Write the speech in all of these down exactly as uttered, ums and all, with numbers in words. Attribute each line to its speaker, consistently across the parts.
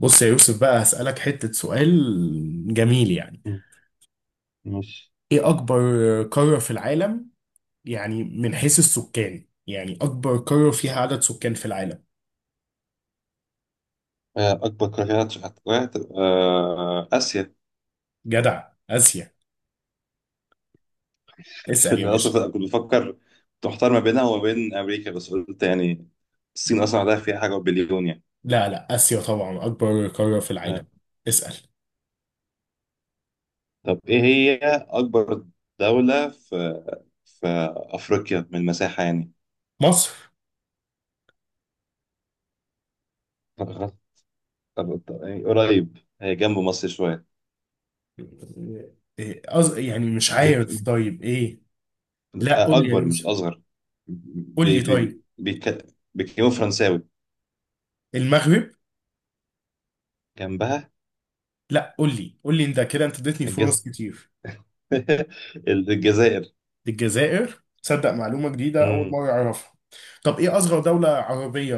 Speaker 1: بص يا يوسف بقى هسألك حتة سؤال جميل يعني.
Speaker 2: مم. ماشي.
Speaker 1: ايه اكبر قارة في العالم؟ يعني من حيث السكان، يعني اكبر قارة فيها عدد سكان في العالم.
Speaker 2: آه، أكبر قارة هتبقى هتبقى آه، آسيا.
Speaker 1: جدع اسيا. اسأل
Speaker 2: عشان
Speaker 1: يا
Speaker 2: أصلا
Speaker 1: باشا.
Speaker 2: في- كنت بفكر. كنت محتار ما بينها وما بين أمريكا بس قلت يعني الصين أصلا عندها فيها حاجة بليون يعني.
Speaker 1: لا لا اسيا طبعا اكبر قارة في
Speaker 2: آه.
Speaker 1: العالم. اسأل.
Speaker 2: طب إيه هي أكبر دولة في في أفريقيا من المساحة يعني.
Speaker 1: مصر.
Speaker 2: طب- طب- طب- يعني قريب هي جنب مصر شوية.
Speaker 1: إيه أز... يعني مش
Speaker 2: بك...
Speaker 1: عارف، طيب ايه؟ لا قول
Speaker 2: آه،
Speaker 1: لي يا
Speaker 2: أكبر مش
Speaker 1: يوسف.
Speaker 2: أصغر.
Speaker 1: قول
Speaker 2: بي...
Speaker 1: لي
Speaker 2: بي...
Speaker 1: طيب.
Speaker 2: بيك... بيتكلموا فرنساوي
Speaker 1: المغرب.
Speaker 2: جنبها.
Speaker 1: لا، قول لي قول لي انت كده، انت اديتني
Speaker 2: الجز...
Speaker 1: فرص كتير.
Speaker 2: الجزائر.
Speaker 1: الجزائر؟ تصدق معلومة جديدة أول مرة أعرفها. طب إيه أصغر دولة عربية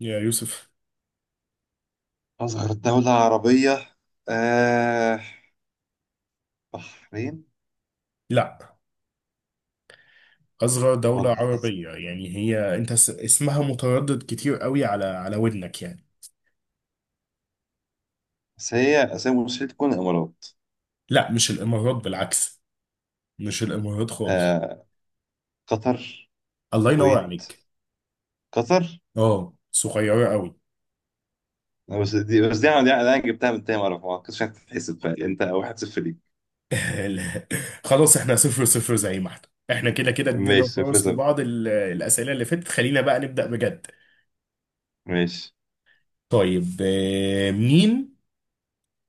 Speaker 1: يا يوسف؟
Speaker 2: أصغر دولة عربية آه، بحرين.
Speaker 1: لا، أصغر دولة
Speaker 2: ولا أس-
Speaker 1: عربية، يعني هي، أنت س- اسمها متردد كتير قوي على على ودنك يعني.
Speaker 2: بس هي آسيا مستحيل تكون الإمارات.
Speaker 1: لا مش الإمارات، بالعكس. مش الإمارات خالص.
Speaker 2: آه، قطر،
Speaker 1: الله ينور
Speaker 2: الكويت،
Speaker 1: عليك.
Speaker 2: قطر.
Speaker 1: أه صغيرة قوي.
Speaker 2: آه، بس دي بس دي أنا دي أنا جبتها من تاني مرة، ما كنتش هتتحسب، فأنت واحد صفر ليك.
Speaker 1: لا. خلاص إحنا صفر صفر زي ما إحنا. إحنا كده كده ادينا
Speaker 2: ماشي، صفر
Speaker 1: فرص
Speaker 2: صفر.
Speaker 1: لبعض، ال- الأسئلة اللي فاتت خلينا بقى نبدأ بجد.
Speaker 2: ماشي.
Speaker 1: طيب آه، مين...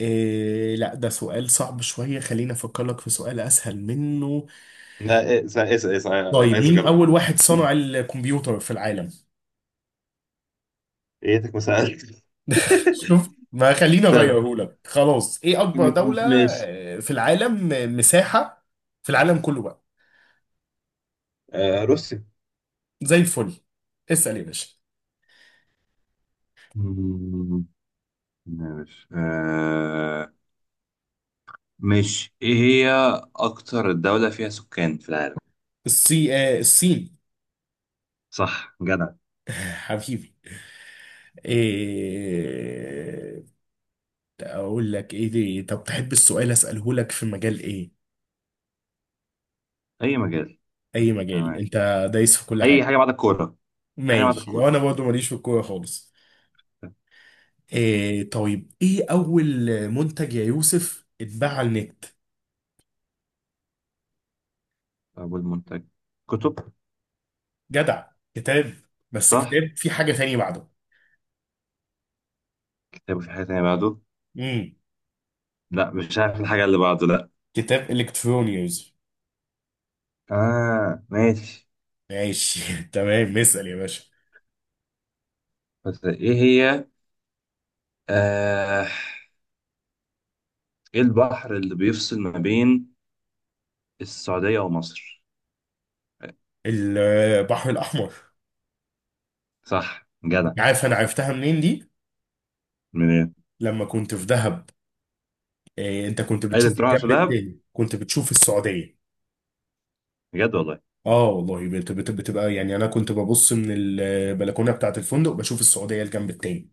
Speaker 1: إيه لا، ده سؤال صعب شوية، خليني أفكر لك في سؤال أسهل منه.
Speaker 2: لا إيه، اسأل اسأل اسأل، عايز
Speaker 1: طيب،
Speaker 2: عايز
Speaker 1: مين
Speaker 2: أجرب.
Speaker 1: أول واحد صنع الكمبيوتر في العالم؟
Speaker 2: إيتك ما سألت.
Speaker 1: شوف، ما خليني
Speaker 2: طب
Speaker 1: أغيره لك خلاص. إيه
Speaker 2: م-
Speaker 1: أكبر
Speaker 2: م-
Speaker 1: دولة
Speaker 2: ماشي.
Speaker 1: آه، في العالم، آه، مساحة، في العالم كله بقى؟
Speaker 2: آه، روسيا.
Speaker 1: زي الفل. اسأل يا باشا.
Speaker 2: مم، ماشي. آه ماشي، ايه هي اكتر دولة فيها سكان في العالم؟
Speaker 1: الصي... آه، الصين.
Speaker 2: صح جدع.
Speaker 1: حبيبي. إيه أقول لك إيه دي؟ طب تحب السؤال أسأله لك في مجال إيه؟
Speaker 2: اي مجال.
Speaker 1: أي مجال؟
Speaker 2: تمام.
Speaker 1: أنت دايس في كل
Speaker 2: اي
Speaker 1: حاجة.
Speaker 2: حاجه بعد الكوره. اي حاجه بعد
Speaker 1: ماشي،
Speaker 2: الكوره.
Speaker 1: وأنا برضه ماليش في الكورة خالص. إيه، طيب ايه اول منتج يا يوسف اتباع على النت؟
Speaker 2: ابو المنتج، كتب.
Speaker 1: جدع، كتاب. بس
Speaker 2: صح،
Speaker 1: كتاب في حاجة تانية بعده.
Speaker 2: كتاب في حاجه تانيه بعده.
Speaker 1: امم
Speaker 2: لا مش عارف الحاجه اللي بعده، لا.
Speaker 1: كتاب الكتروني يا يوسف.
Speaker 2: اه ماشي.
Speaker 1: ماشي تمام، اسأل يا باشا.
Speaker 2: بس ايه هي، آه، ايه البحر اللي بيفصل ما بين السعوديه ومصر؟
Speaker 1: البحر الاحمر.
Speaker 2: صح جدع.
Speaker 1: انت عارف انا عرفتها منين دي؟
Speaker 2: من ايه؟
Speaker 1: لما كنت في دهب. إيه انت كنت
Speaker 2: عايز انت
Speaker 1: بتشوف
Speaker 2: تروح على
Speaker 1: الجنب
Speaker 2: دهب؟
Speaker 1: التاني، كنت بتشوف السعودية.
Speaker 2: بجد والله.
Speaker 1: اه والله، بت- بت- بتبقى يعني، انا كنت ببص من البلكونة بتاعت الفندق، بشوف السعودية الجنب التاني.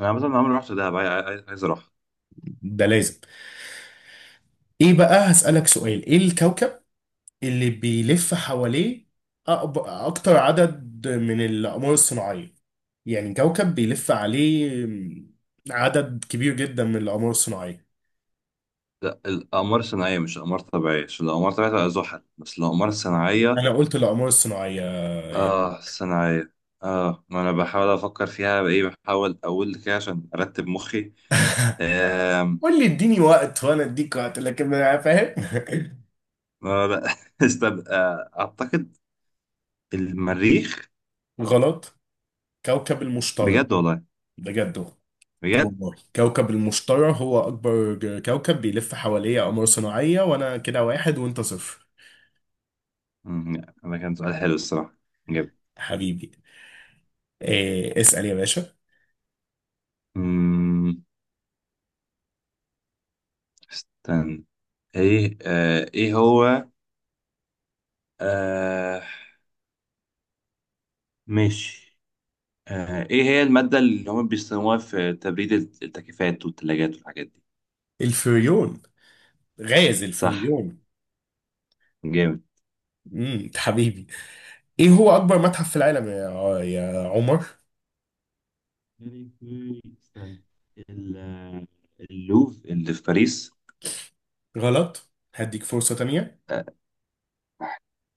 Speaker 2: انا مثلا عمري ما رحت دهب، عاي- عاي- عايز اروح.
Speaker 1: ده لازم. ايه بقى، هسألك سؤال. ايه الكوكب اللي بيلف حواليه أقب- أكتر عدد من الأقمار الصناعية؟ يعني كوكب بيلف عليه عدد كبير جدا من الأقمار الصناعية.
Speaker 2: لا الاقمار الصناعيه مش اقمار طبيعيه، عشان الاقمار الطبيعيه تبقى زحل، بس الاقمار الصناعيه.
Speaker 1: أنا قلت الأقمار الصناعية يعني.
Speaker 2: اه صناعية. اه ما انا بحاول افكر فيها بايه، بحاول اقول كده عشان ارتب مخي. آم،
Speaker 1: قول لي، اديني وقت وأنا أديك وقت، لكن أنا فاهم.
Speaker 2: ما لا استب... آه، اعتقد المريخ.
Speaker 1: غلط. كوكب المشتري.
Speaker 2: بجد والله.
Speaker 1: بجد
Speaker 2: بجد.
Speaker 1: والله، كوكب المشتري هو أكبر ج- كوكب بيلف حواليه أقمار صناعية، وأنا كده واحد وأنت صفر.
Speaker 2: مم، لا، ده كان سؤال حلو الصراحة. جاب.
Speaker 1: حبيبي. إيه اسأل يا باشا.
Speaker 2: مم، استنى. ايه آه، ايه هو، آه، ماشي. آه، ايه هي المادة اللي هم بيستخدموها في تبريد التكييفات والثلاجات والحاجات دي؟
Speaker 1: الفريون. غازل في
Speaker 2: صح
Speaker 1: مليون.
Speaker 2: جامد.
Speaker 1: امم، أنت حبيبي. ايه هو اكبر متحف في العالم يا يا عمر؟
Speaker 2: يعني في- استنى، ال- اللوف اللي في باريس.
Speaker 1: غلط، هديك فرصة تانية.
Speaker 2: آه،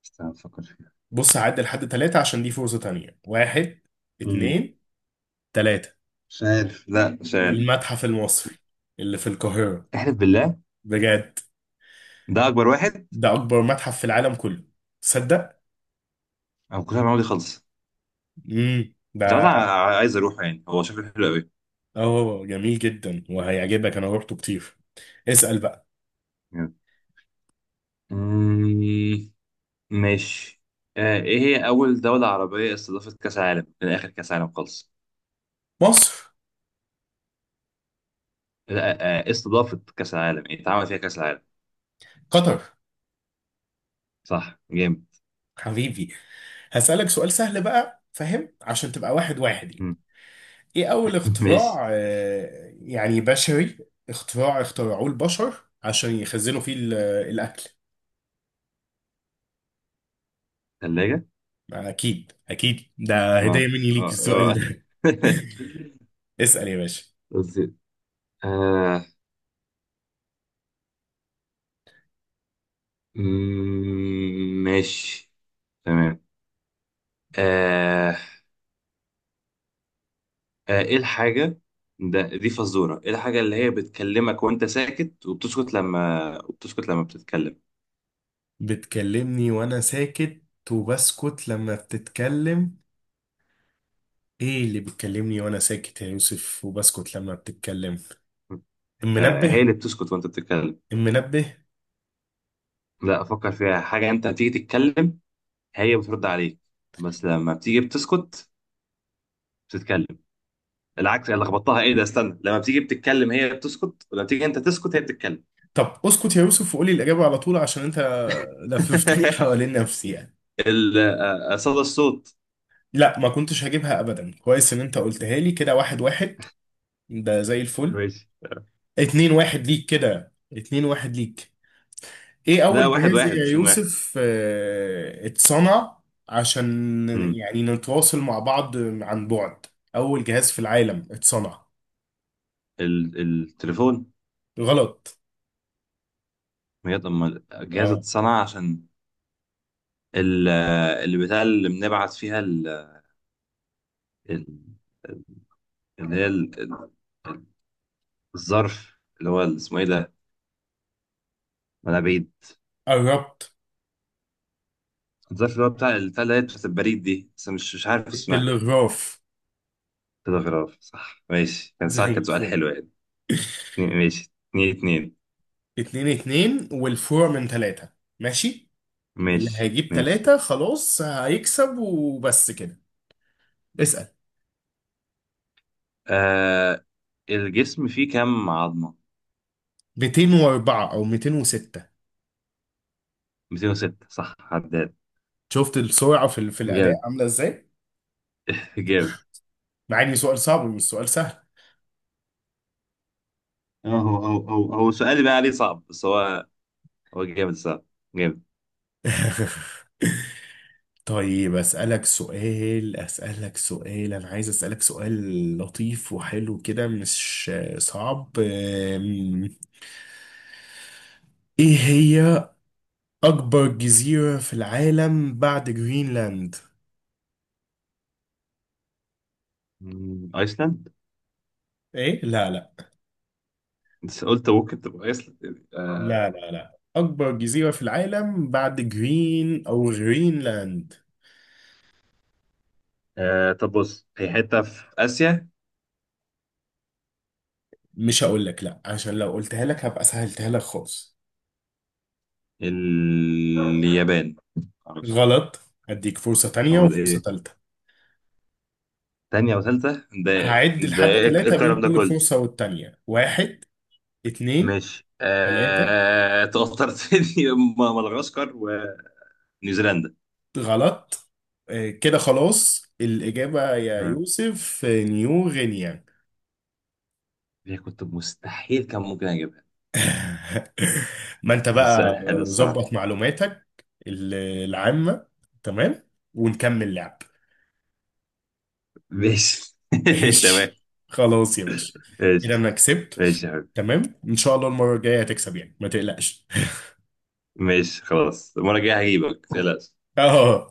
Speaker 2: استنى افكر فيها.
Speaker 1: بص هعد لحد ثلاثة عشان دي فرصة تانية. واحد،
Speaker 2: مم.
Speaker 1: اتنين، تلاتة.
Speaker 2: مش عارف، لا مش عارف.
Speaker 1: المتحف المصري اللي في القاهرة.
Speaker 2: احلف بالله.
Speaker 1: بجد،
Speaker 2: ده اكبر واحد؟
Speaker 1: ده اكبر متحف في العالم كله، تصدق.
Speaker 2: انا ما كنتش عارف المعلومة دي خالص.
Speaker 1: امم
Speaker 2: مش عارف
Speaker 1: ده...
Speaker 2: أنا. عايز اروحه، يعني هو شكله حلو قوي.
Speaker 1: اه جميل جدا وهيعجبك، انا روحته كتير. اسأل بقى.
Speaker 2: مم، ماشي. آه، ايه هي اول دولة عربية استضافت كأس العالم من اخر كأس العالم خالص؟
Speaker 1: مصر.
Speaker 2: لا آه، استضافت كأس العالم يعني اتعمل فيها كأس العالم.
Speaker 1: قطر.
Speaker 2: صح جامد.
Speaker 1: حبيبي، هسألك سؤال سهل بقى فاهم، عشان تبقى واحد واحد.
Speaker 2: مم.
Speaker 1: ايه اول
Speaker 2: ماشي.
Speaker 1: اختراع آه، يعني بشري، اختراع اخترعوه البشر عشان يخزنوا فيه ال- الاكل؟
Speaker 2: ثلاجة.
Speaker 1: يعني اكيد اكيد، ده هدية
Speaker 2: اه،
Speaker 1: مني ليك
Speaker 2: آه،
Speaker 1: السؤال
Speaker 2: آه.
Speaker 1: ده. اسأل يا باشا.
Speaker 2: رز. آه. مم، ماشي. تمام. آه. آه، ايه الحاجة، ده دي فزورة، ايه الحاجة اللي هي بتكلمك وانت ساكت وبتسكت لما وبتسكت لما بتتكلم؟
Speaker 1: بتكلمني وانا ساكت، وبسكت لما بتتكلم. ايه اللي بتكلمني وانا ساكت يا يوسف وبسكت لما بتتكلم؟
Speaker 2: آه، هي
Speaker 1: المنبه.
Speaker 2: اللي بتسكت وانت بتتكلم.
Speaker 1: المنبه.
Speaker 2: لا افكر فيها حاجة، انت بتيجي تتكلم هي بترد عليك، بس لما بتيجي بتسكت بتتكلم. العكس انا لخبطتها. ايه ده، استنى، لما بتيجي بتتكلم هي بتسكت، ولما تيجي انت تسكت هي بتتكلم.
Speaker 1: طب اسكت يا يوسف وقولي الإجابة على طول، عشان انت لففتني حوالين نفسي يعني.
Speaker 2: ال- آه، آه، صدى الصوت.
Speaker 1: لا ما كنتش هجيبها ابدا، كويس ان انت قلتها لي. كده واحد واحد. ده زي الفل.
Speaker 2: ماشي.
Speaker 1: اتنين واحد ليك، كده اتنين واحد ليك. ايه
Speaker 2: لا
Speaker 1: اول
Speaker 2: واحد
Speaker 1: جهاز
Speaker 2: واحد
Speaker 1: يا
Speaker 2: مش اتنين واحد.
Speaker 1: يوسف اه، اتصنع عشان
Speaker 2: امم،
Speaker 1: يعني نتواصل مع بعض عن بعد؟ اول جهاز في العالم اتصنع.
Speaker 2: ال- التليفون.
Speaker 1: غلط.
Speaker 2: بجد اما الجهاز
Speaker 1: اه
Speaker 2: اتصنع عشان ال- اللي بتاع اللي بنبعت فيها ال- ال- اللي هي ال- ال- الظرف اللي هو ال- اسمه ايه ده، منابيد.
Speaker 1: قربت.
Speaker 2: الظرف اللي هو بتاع بتاع اللي هي بتاعت البريد دي، بس مش مش عارف اسمها.
Speaker 1: التلغراف.
Speaker 2: تلغراف، صح ماشي، كان صح،
Speaker 1: زي
Speaker 2: كان سؤال
Speaker 1: الفل.
Speaker 2: حلو يعني. اتنين- ماشي اتنين اتنين.
Speaker 1: اتنين اتنين، والفور من تلاتة. ماشي، اللي
Speaker 2: ماشي
Speaker 1: هيجيب
Speaker 2: ماشي.
Speaker 1: تلاتة خلاص هيكسب، وبس كده. اسأل.
Speaker 2: آه، الجسم فيه كام عظمة؟
Speaker 1: مئتين واربعة او مئتين وستة.
Speaker 2: مئتين وستة. صح عداد
Speaker 1: شفت السرعه في ال- في الاداء
Speaker 2: جامد.
Speaker 1: عامله ازاي؟
Speaker 2: جامد.
Speaker 1: مع ان سؤال صعب، مش سؤال سهل.
Speaker 2: اه هو هو هو هو السؤال اللي بقى عليه صعب، بس هو هو جامد، صعب جامد.
Speaker 1: طيب اسالك سؤال، اسالك سؤال انا عايز اسالك سؤال لطيف وحلو كده، مش صعب. أم، ايه هي اكبر جزيره في العالم بعد جرينلاند؟
Speaker 2: مم، ايسلاند.
Speaker 1: ايه لا لا.
Speaker 2: بس قلت ممكن تبقى ايسلاند يعني. آه.
Speaker 1: لا لا لا اكبر جزيره في العالم بعد جرين او غرينلاند.
Speaker 2: آه. طب بص هي حتة في آسيا.
Speaker 1: مش هقول لك لا، عشان لو قلتها لك هبقى سهلتها لك خالص.
Speaker 2: اليابان. معرفش.
Speaker 1: غلط. هديك فرصة تانية
Speaker 2: هو ده
Speaker 1: وفرصة
Speaker 2: ايه؟
Speaker 1: تالتة.
Speaker 2: تانية وثالثة ده؟
Speaker 1: هعد
Speaker 2: ده
Speaker 1: لحد
Speaker 2: ايه
Speaker 1: ثلاثة بين
Speaker 2: الكلام ده
Speaker 1: كل
Speaker 2: كله؟
Speaker 1: فرصة والتانية. واحد، اتنين،
Speaker 2: ماشي
Speaker 1: تلاتة.
Speaker 2: آه... توترت لي. مدغشقر ونيوزيلندا.
Speaker 1: غلط. آه، كده خلاص الإجابة يا
Speaker 2: ها،
Speaker 1: يوسف، آه، نيو غينيا.
Speaker 2: دي كنت مستحيل كان ممكن اجيبها.
Speaker 1: ما انت
Speaker 2: بس السؤال
Speaker 1: بقى
Speaker 2: حلو الصراحة.
Speaker 1: ظبط معلوماتك ال- العامة، تمام، ونكمل لعب.
Speaker 2: ماشي تمام.
Speaker 1: ماشي خلاص يا باشا.
Speaker 2: ماشي.
Speaker 1: كده انا كسبت.
Speaker 2: ماشي يا حبيبي.
Speaker 1: تمام ان شاء الله المره الجايه هتكسب يعني، ما تقلقش.
Speaker 2: ماشي خلاص، المرة الجاية هجيبك، لا
Speaker 1: اه